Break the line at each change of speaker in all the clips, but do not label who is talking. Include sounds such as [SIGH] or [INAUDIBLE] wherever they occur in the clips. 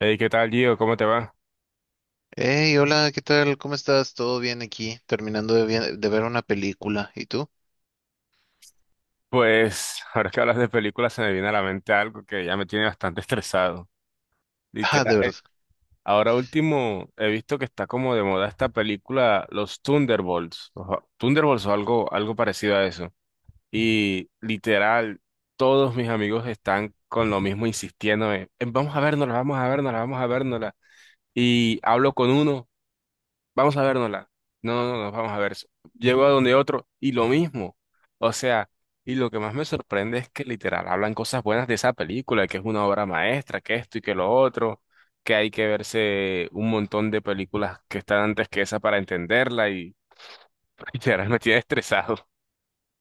Hey, ¿qué tal, Gio? ¿Cómo te va?
Hey, hola, ¿qué tal? ¿Cómo estás? ¿Todo bien aquí? Terminando de, de ver una película. ¿Y tú?
Pues ahora que hablas de películas se me viene a la mente algo que ya me tiene bastante [LAUGHS] estresado.
[LAUGHS] Ah,
Literal.
de verdad.
Ahora último he visto que está como de moda esta película Los Thunderbolts. Thunderbolts o algo, algo parecido a eso. Y literal, todos mis amigos están con lo mismo insistiendo en, vamos a vernosla, vamos a vernosla, vamos a vernosla. Y hablo con uno. Vamos a vernosla. No, no, no, nos vamos a ver. Llego a donde otro y lo mismo. O sea, y lo que más me sorprende es que literal hablan cosas buenas de esa película, que es una obra maestra, que esto y que lo otro, que hay que verse un montón de películas que están antes que esa para entenderla. Y [LAUGHS] literal me tiene estresado.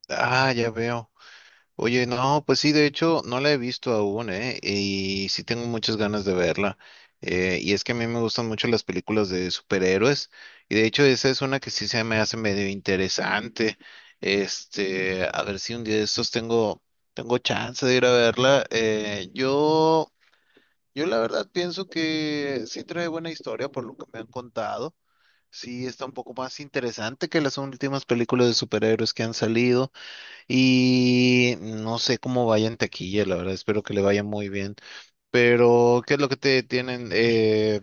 Ah, ya veo. Oye, no, pues sí, de hecho, no la he visto aún, ¿eh? Y sí tengo muchas ganas de verla. Y es que a mí me gustan mucho las películas de superhéroes. Y de hecho, esa es una que sí se me hace medio interesante. Este, a ver si un día de estos tengo chance de ir a verla. Yo la verdad pienso que sí trae buena historia por lo que me han contado. Sí está un poco más interesante que las últimas películas de superhéroes que han salido y no sé cómo vaya en taquilla, la verdad, espero que le vaya muy bien. Pero, ¿qué es lo que te tienen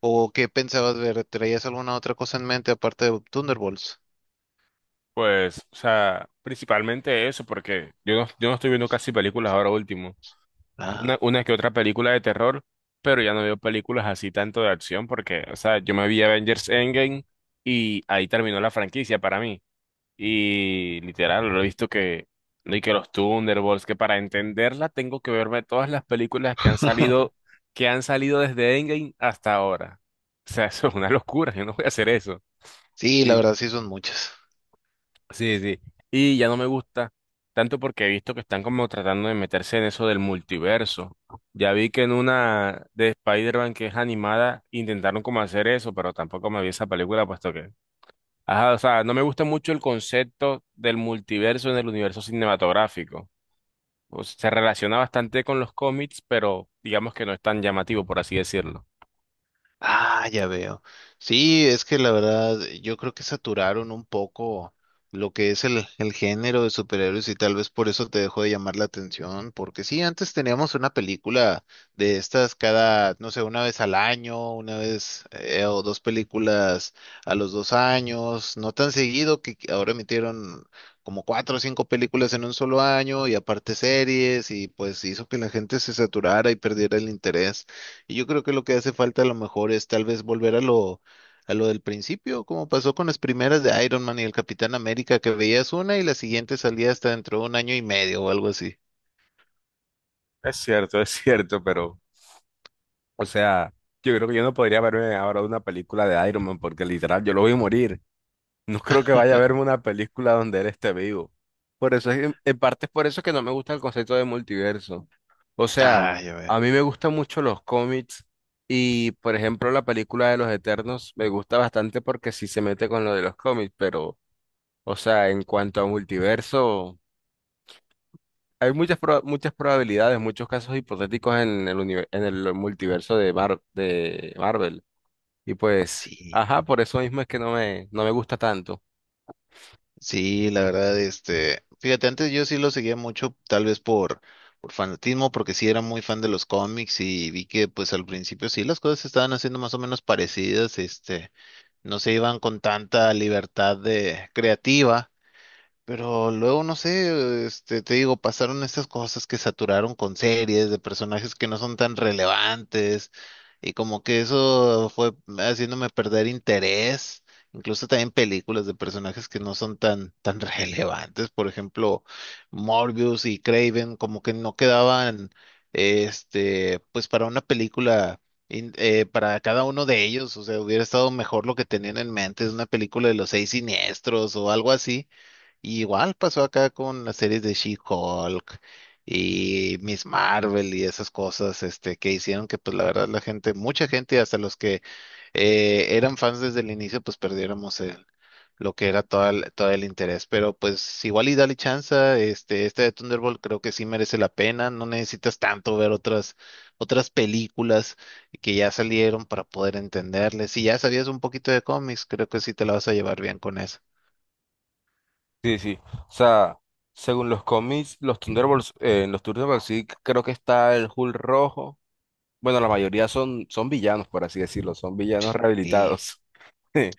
o qué pensabas ver? ¿Traías alguna otra cosa en mente aparte de Thunderbolts?
Pues, o sea, principalmente eso, porque yo no estoy viendo casi películas ahora último. una,
Ah,
una que otra película de terror, pero ya no veo películas así tanto de acción porque, o sea, yo me vi Avengers Endgame y ahí terminó la franquicia para mí. Y literal, lo he visto y que los Thunderbolts, que para entenderla tengo que verme todas las películas
[LAUGHS]
que han salido desde Endgame hasta ahora. O sea, [LAUGHS] eso es una locura, yo no voy a hacer eso.
sí, la verdad sí son muchas.
Sí, sí. Y ya no me gusta tanto porque he visto que están como tratando de meterse en eso del multiverso. Ya vi que en una de Spider-Man que es animada intentaron como hacer eso, pero tampoco me vi esa película puesto que... Ajá, o sea, no me gusta mucho el concepto del multiverso en el universo cinematográfico. O sea, se relaciona bastante con los cómics, pero digamos que no es tan llamativo, por así decirlo.
Ah, ya veo. Sí, es que la verdad, yo creo que saturaron un poco lo que es el género de superhéroes y tal vez por eso te dejó de llamar la atención, porque sí, antes teníamos una película de estas cada, no sé, una vez al año, una vez o dos películas a los dos años, no tan seguido que ahora emitieron como cuatro o cinco películas en un solo año y aparte series y pues hizo que la gente se saturara y perdiera el interés. Y yo creo que lo que hace falta a lo mejor es tal vez volver a a lo del principio, como pasó con las primeras de Iron Man y el Capitán América, que veías una y la siguiente salía hasta dentro de un año y medio o algo así.
Es cierto, pero, o sea, yo creo que yo no podría verme ahora una película de Iron Man porque literal yo lo voy a morir. No creo que vaya a verme una película donde él esté vivo. Por eso es, en parte es por eso que no me gusta el concepto de multiverso. O sea,
Ah, ya veo.
a mí me gustan mucho los cómics y, por ejemplo, la película de los Eternos me gusta bastante porque sí se mete con lo de los cómics, pero, o sea, en cuanto a multiverso. Hay muchas, muchas probabilidades, muchos casos hipotéticos en en el multiverso de, de Marvel. Y pues,
Sí.
ajá, por eso mismo es que no me gusta tanto.
Sí, la verdad, este, fíjate, antes yo sí lo seguía mucho, tal vez por fanatismo, porque sí era muy fan de los cómics y vi que pues al principio sí las cosas se estaban haciendo más o menos parecidas, este, no se iban con tanta libertad de creativa. Pero luego, no sé, este, te digo, pasaron estas cosas que saturaron con series de personajes que no son tan relevantes y como que eso fue haciéndome perder interés, incluso también películas de personajes que no son tan [LAUGHS] relevantes, por ejemplo, Morbius y Craven, como que no quedaban, este, pues para una película. Para cada uno de ellos, o sea, hubiera estado mejor lo que tenían en mente, es una película de los seis siniestros o algo así y igual pasó acá con las series de She-Hulk y Miss Marvel y esas cosas, este, que hicieron que, pues, la verdad, mucha gente, hasta los que eran fans desde el inicio, pues, perdiéramos lo que era todo todo el interés. Pero, pues, igual y dale chance, este de Thunderbolt creo que sí merece la pena. No necesitas tanto ver otras películas que ya salieron para poder entenderles. Si ya sabías un poquito de cómics, creo que sí te la vas a llevar bien con eso.
Sí, sí. O sea, según los cómics, los Thunderbolts, en los Thunderbolts sí creo que está el Hulk rojo. Bueno, la mayoría son, son villanos, por así decirlo, son villanos
Y
rehabilitados. [LAUGHS]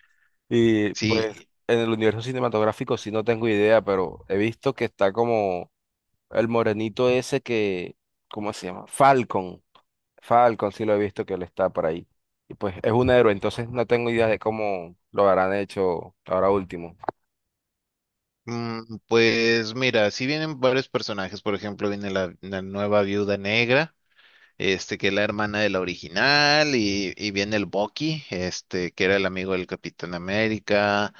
Y pues
sí,
en el universo cinematográfico sí no tengo idea, pero he visto que está como el morenito ese que, ¿cómo se llama? Falcon. Falcon, sí lo he visto que él está por ahí. Y pues es un héroe, entonces no tengo idea de cómo lo habrán hecho ahora último.
mm. Pues mira, si vienen varios personajes, por ejemplo, viene la nueva viuda negra, este, que es la hermana de la original, y viene el Bucky, este, que era el amigo del Capitán América,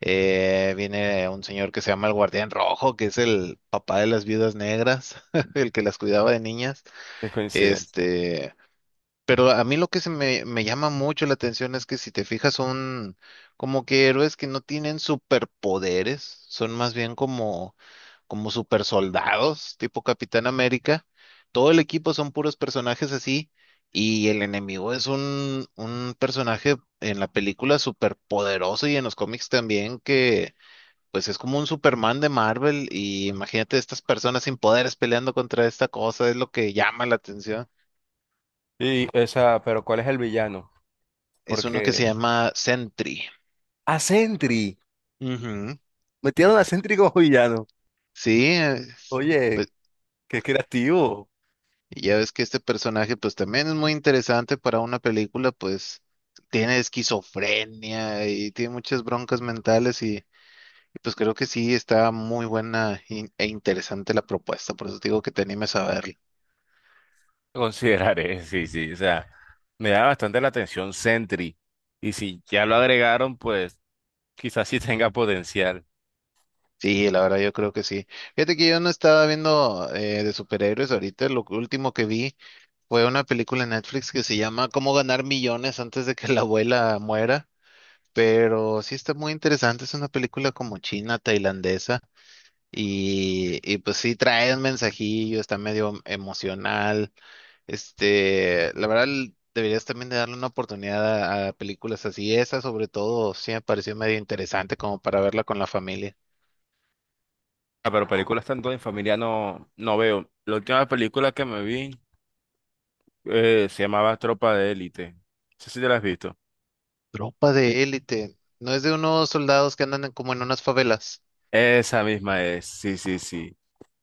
viene un señor que se llama el Guardián Rojo, que es el papá de las viudas negras, [LAUGHS] el que las cuidaba de niñas,
Es coincidencia.
este, pero a mí lo que me llama mucho la atención es que si te fijas son como que héroes que no tienen superpoderes, son más bien como supersoldados, tipo Capitán América. Todo el equipo son puros personajes así y el enemigo es un personaje en la película superpoderoso y en los cómics también que pues es como un Superman de Marvel y imagínate estas personas sin poderes peleando contra esta cosa, es lo que llama la atención.
Y esa, pero ¿cuál es el villano?
Es uno que se
Porque...
llama Sentry.
A Sentry.
Ujú.
Metieron a Sentry como [LAUGHS] villano.
Sí, es-
Oye,
pues
qué creativo.
ya ves que este personaje pues también es muy interesante para una película, pues tiene esquizofrenia y tiene muchas broncas mentales pues creo que sí está muy buena e interesante la propuesta, por eso te digo que te animes a verla.
Consideraré, [LAUGHS] sí, sí, o sea, me da bastante la atención Sentry. Y si ya lo agregaron, pues quizás sí tenga potencial.
Sí, la verdad yo creo que sí. Fíjate que yo no estaba viendo de superhéroes ahorita, lo último que vi fue una película en Netflix que se llama Cómo ganar millones antes de que la abuela muera. Pero sí está muy interesante, es una película como china, tailandesa, y pues sí trae un mensajillo, está medio emocional. Este, la verdad, l- deberías también de darle una oportunidad a películas así. Esa, sobre todo, sí me pareció medio interesante como para verla con la familia.
Ah, pero películas tanto en familia no, no veo. La última película que me vi se llamaba Tropa de Élite. No sé si te la has visto.
Tropa de élite, no es de unos soldados que andan como en unas favelas.
Esa misma es, sí, sí, sí.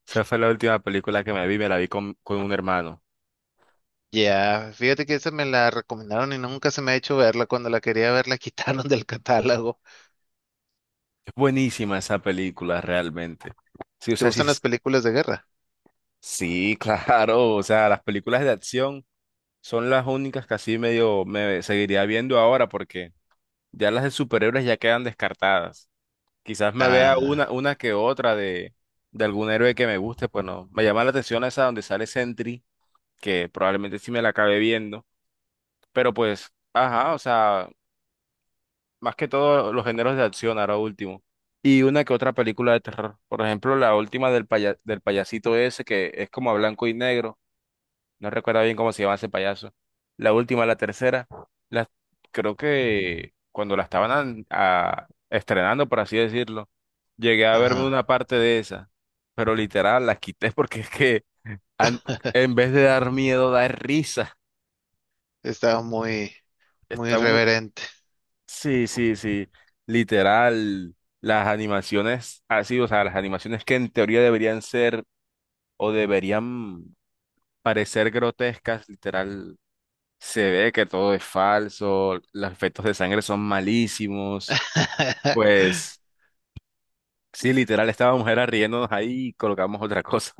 Esa fue la última película que me vi, me la vi con un hermano.
Ya, fíjate que esa me la recomendaron y nunca se me ha hecho verla. Cuando la quería ver, la [LAUGHS] quitaron del catálogo.
Es buenísima esa película, realmente. Sí, o
¿Te
sea, sí,
gustan las películas de guerra?
sí, [LAUGHS] claro. O sea, las películas de acción son las únicas que así medio me seguiría viendo ahora porque ya las de superhéroes ya quedan descartadas. Quizás me vea una,
Ah,
una que otra de algún héroe que me guste, pues no. Me llama la atención esa donde sale Sentry, que probablemente sí me la acabe viendo. Pero pues, ajá, o sea, más que todo los géneros de acción, ahora último. Y una que otra película de terror. Por ejemplo, la última del payasito ese, que es como a blanco y negro. No recuerdo bien cómo se llama ese payaso. La última, la tercera. La, creo que cuando la estaban estrenando, por así decirlo, llegué a verme una
ajá.
parte de esa. Pero literal, la quité [LAUGHS] porque es que an-
[LAUGHS]
en vez de dar miedo, da risa.
Estaba muy
Está mu-
reverente.
Sí, sí, sí. Literal, las animaciones así, o sea, las animaciones que en teoría deberían ser o deberían parecer grotescas, literal se ve que todo es falso, los efectos de sangre son malísimos.
[LAUGHS]
Pues sí, literal, estábamos era riéndonos ahí y colocamos otra cosa.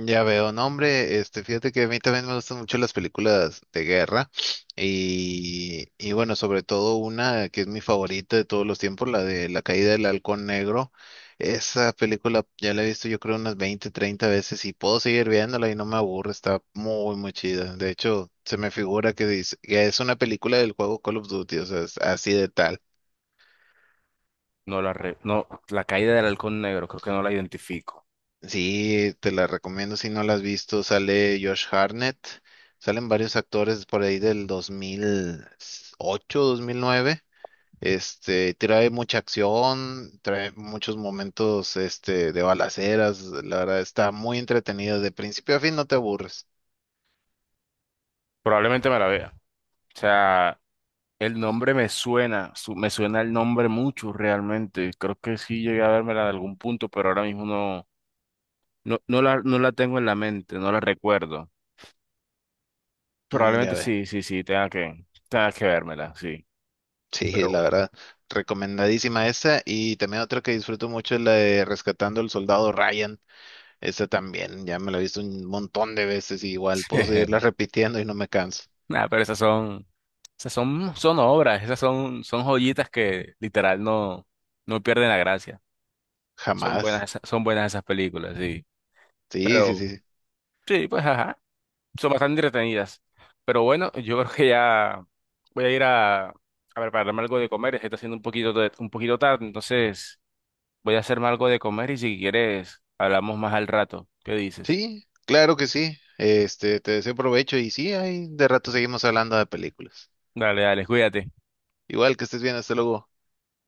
Ya veo, no, hombre, este, fíjate que a mí también me gustan mucho las películas de guerra y bueno, sobre todo una que es mi favorita de todos los tiempos, la de La caída del Halcón Negro. Esa película ya la he visto yo creo unas 20, 30 veces y puedo seguir viéndola y no me aburre, está muy, muy chida. De hecho, se me figura que dice, que es una película del juego Call of Duty, o sea, es así de.
No, la caída del halcón negro, creo que no la identifico.
Sí, te la recomiendo si no la has visto. Sale Josh Hartnett, salen varios actores por ahí del 2008, 2009. Este, trae mucha acción, trae muchos momentos, este, de balaceras. La verdad está muy entretenido. De principio a fin no te aburres.
Probablemente me la vea. O sea, el nombre me suena, me suena el nombre mucho realmente. Creo que sí llegué a vérmela de algún punto, pero ahora mismo no, no la tengo en la mente, no la recuerdo.
Mm, ya
Probablemente
ve.
sí, sí, sí, tenga que vérmela, sí.
Sí,
Pero
la
bueno.
verdad, recomendadísima esa. Y también otra que disfruto mucho es la de Rescatando al Soldado Ryan. Esa también, ya me la he visto un montón de veces y igual puedo seguirla
[LAUGHS]
repitiendo y no me canso.
Nada, pero esas son, son obras, son joyitas que literal no, no pierden la gracia. Son buenas,
Jamás.
son buenas esas películas, sí.
Sí, sí,
Pero
sí.
sí, pues ajá, son bastante entretenidas. Pero bueno, yo creo que ya voy a ir a prepararme algo de comer. Se está haciendo un poquito, un poquito tarde, entonces voy a hacerme algo de comer y si quieres hablamos más al rato. ¿Qué dices?
Sí, claro que sí. Este, te deseo provecho y sí, ahí de rato seguimos hablando de películas.
Dale, dale, cuídate.
Igual que estés bien, hasta luego.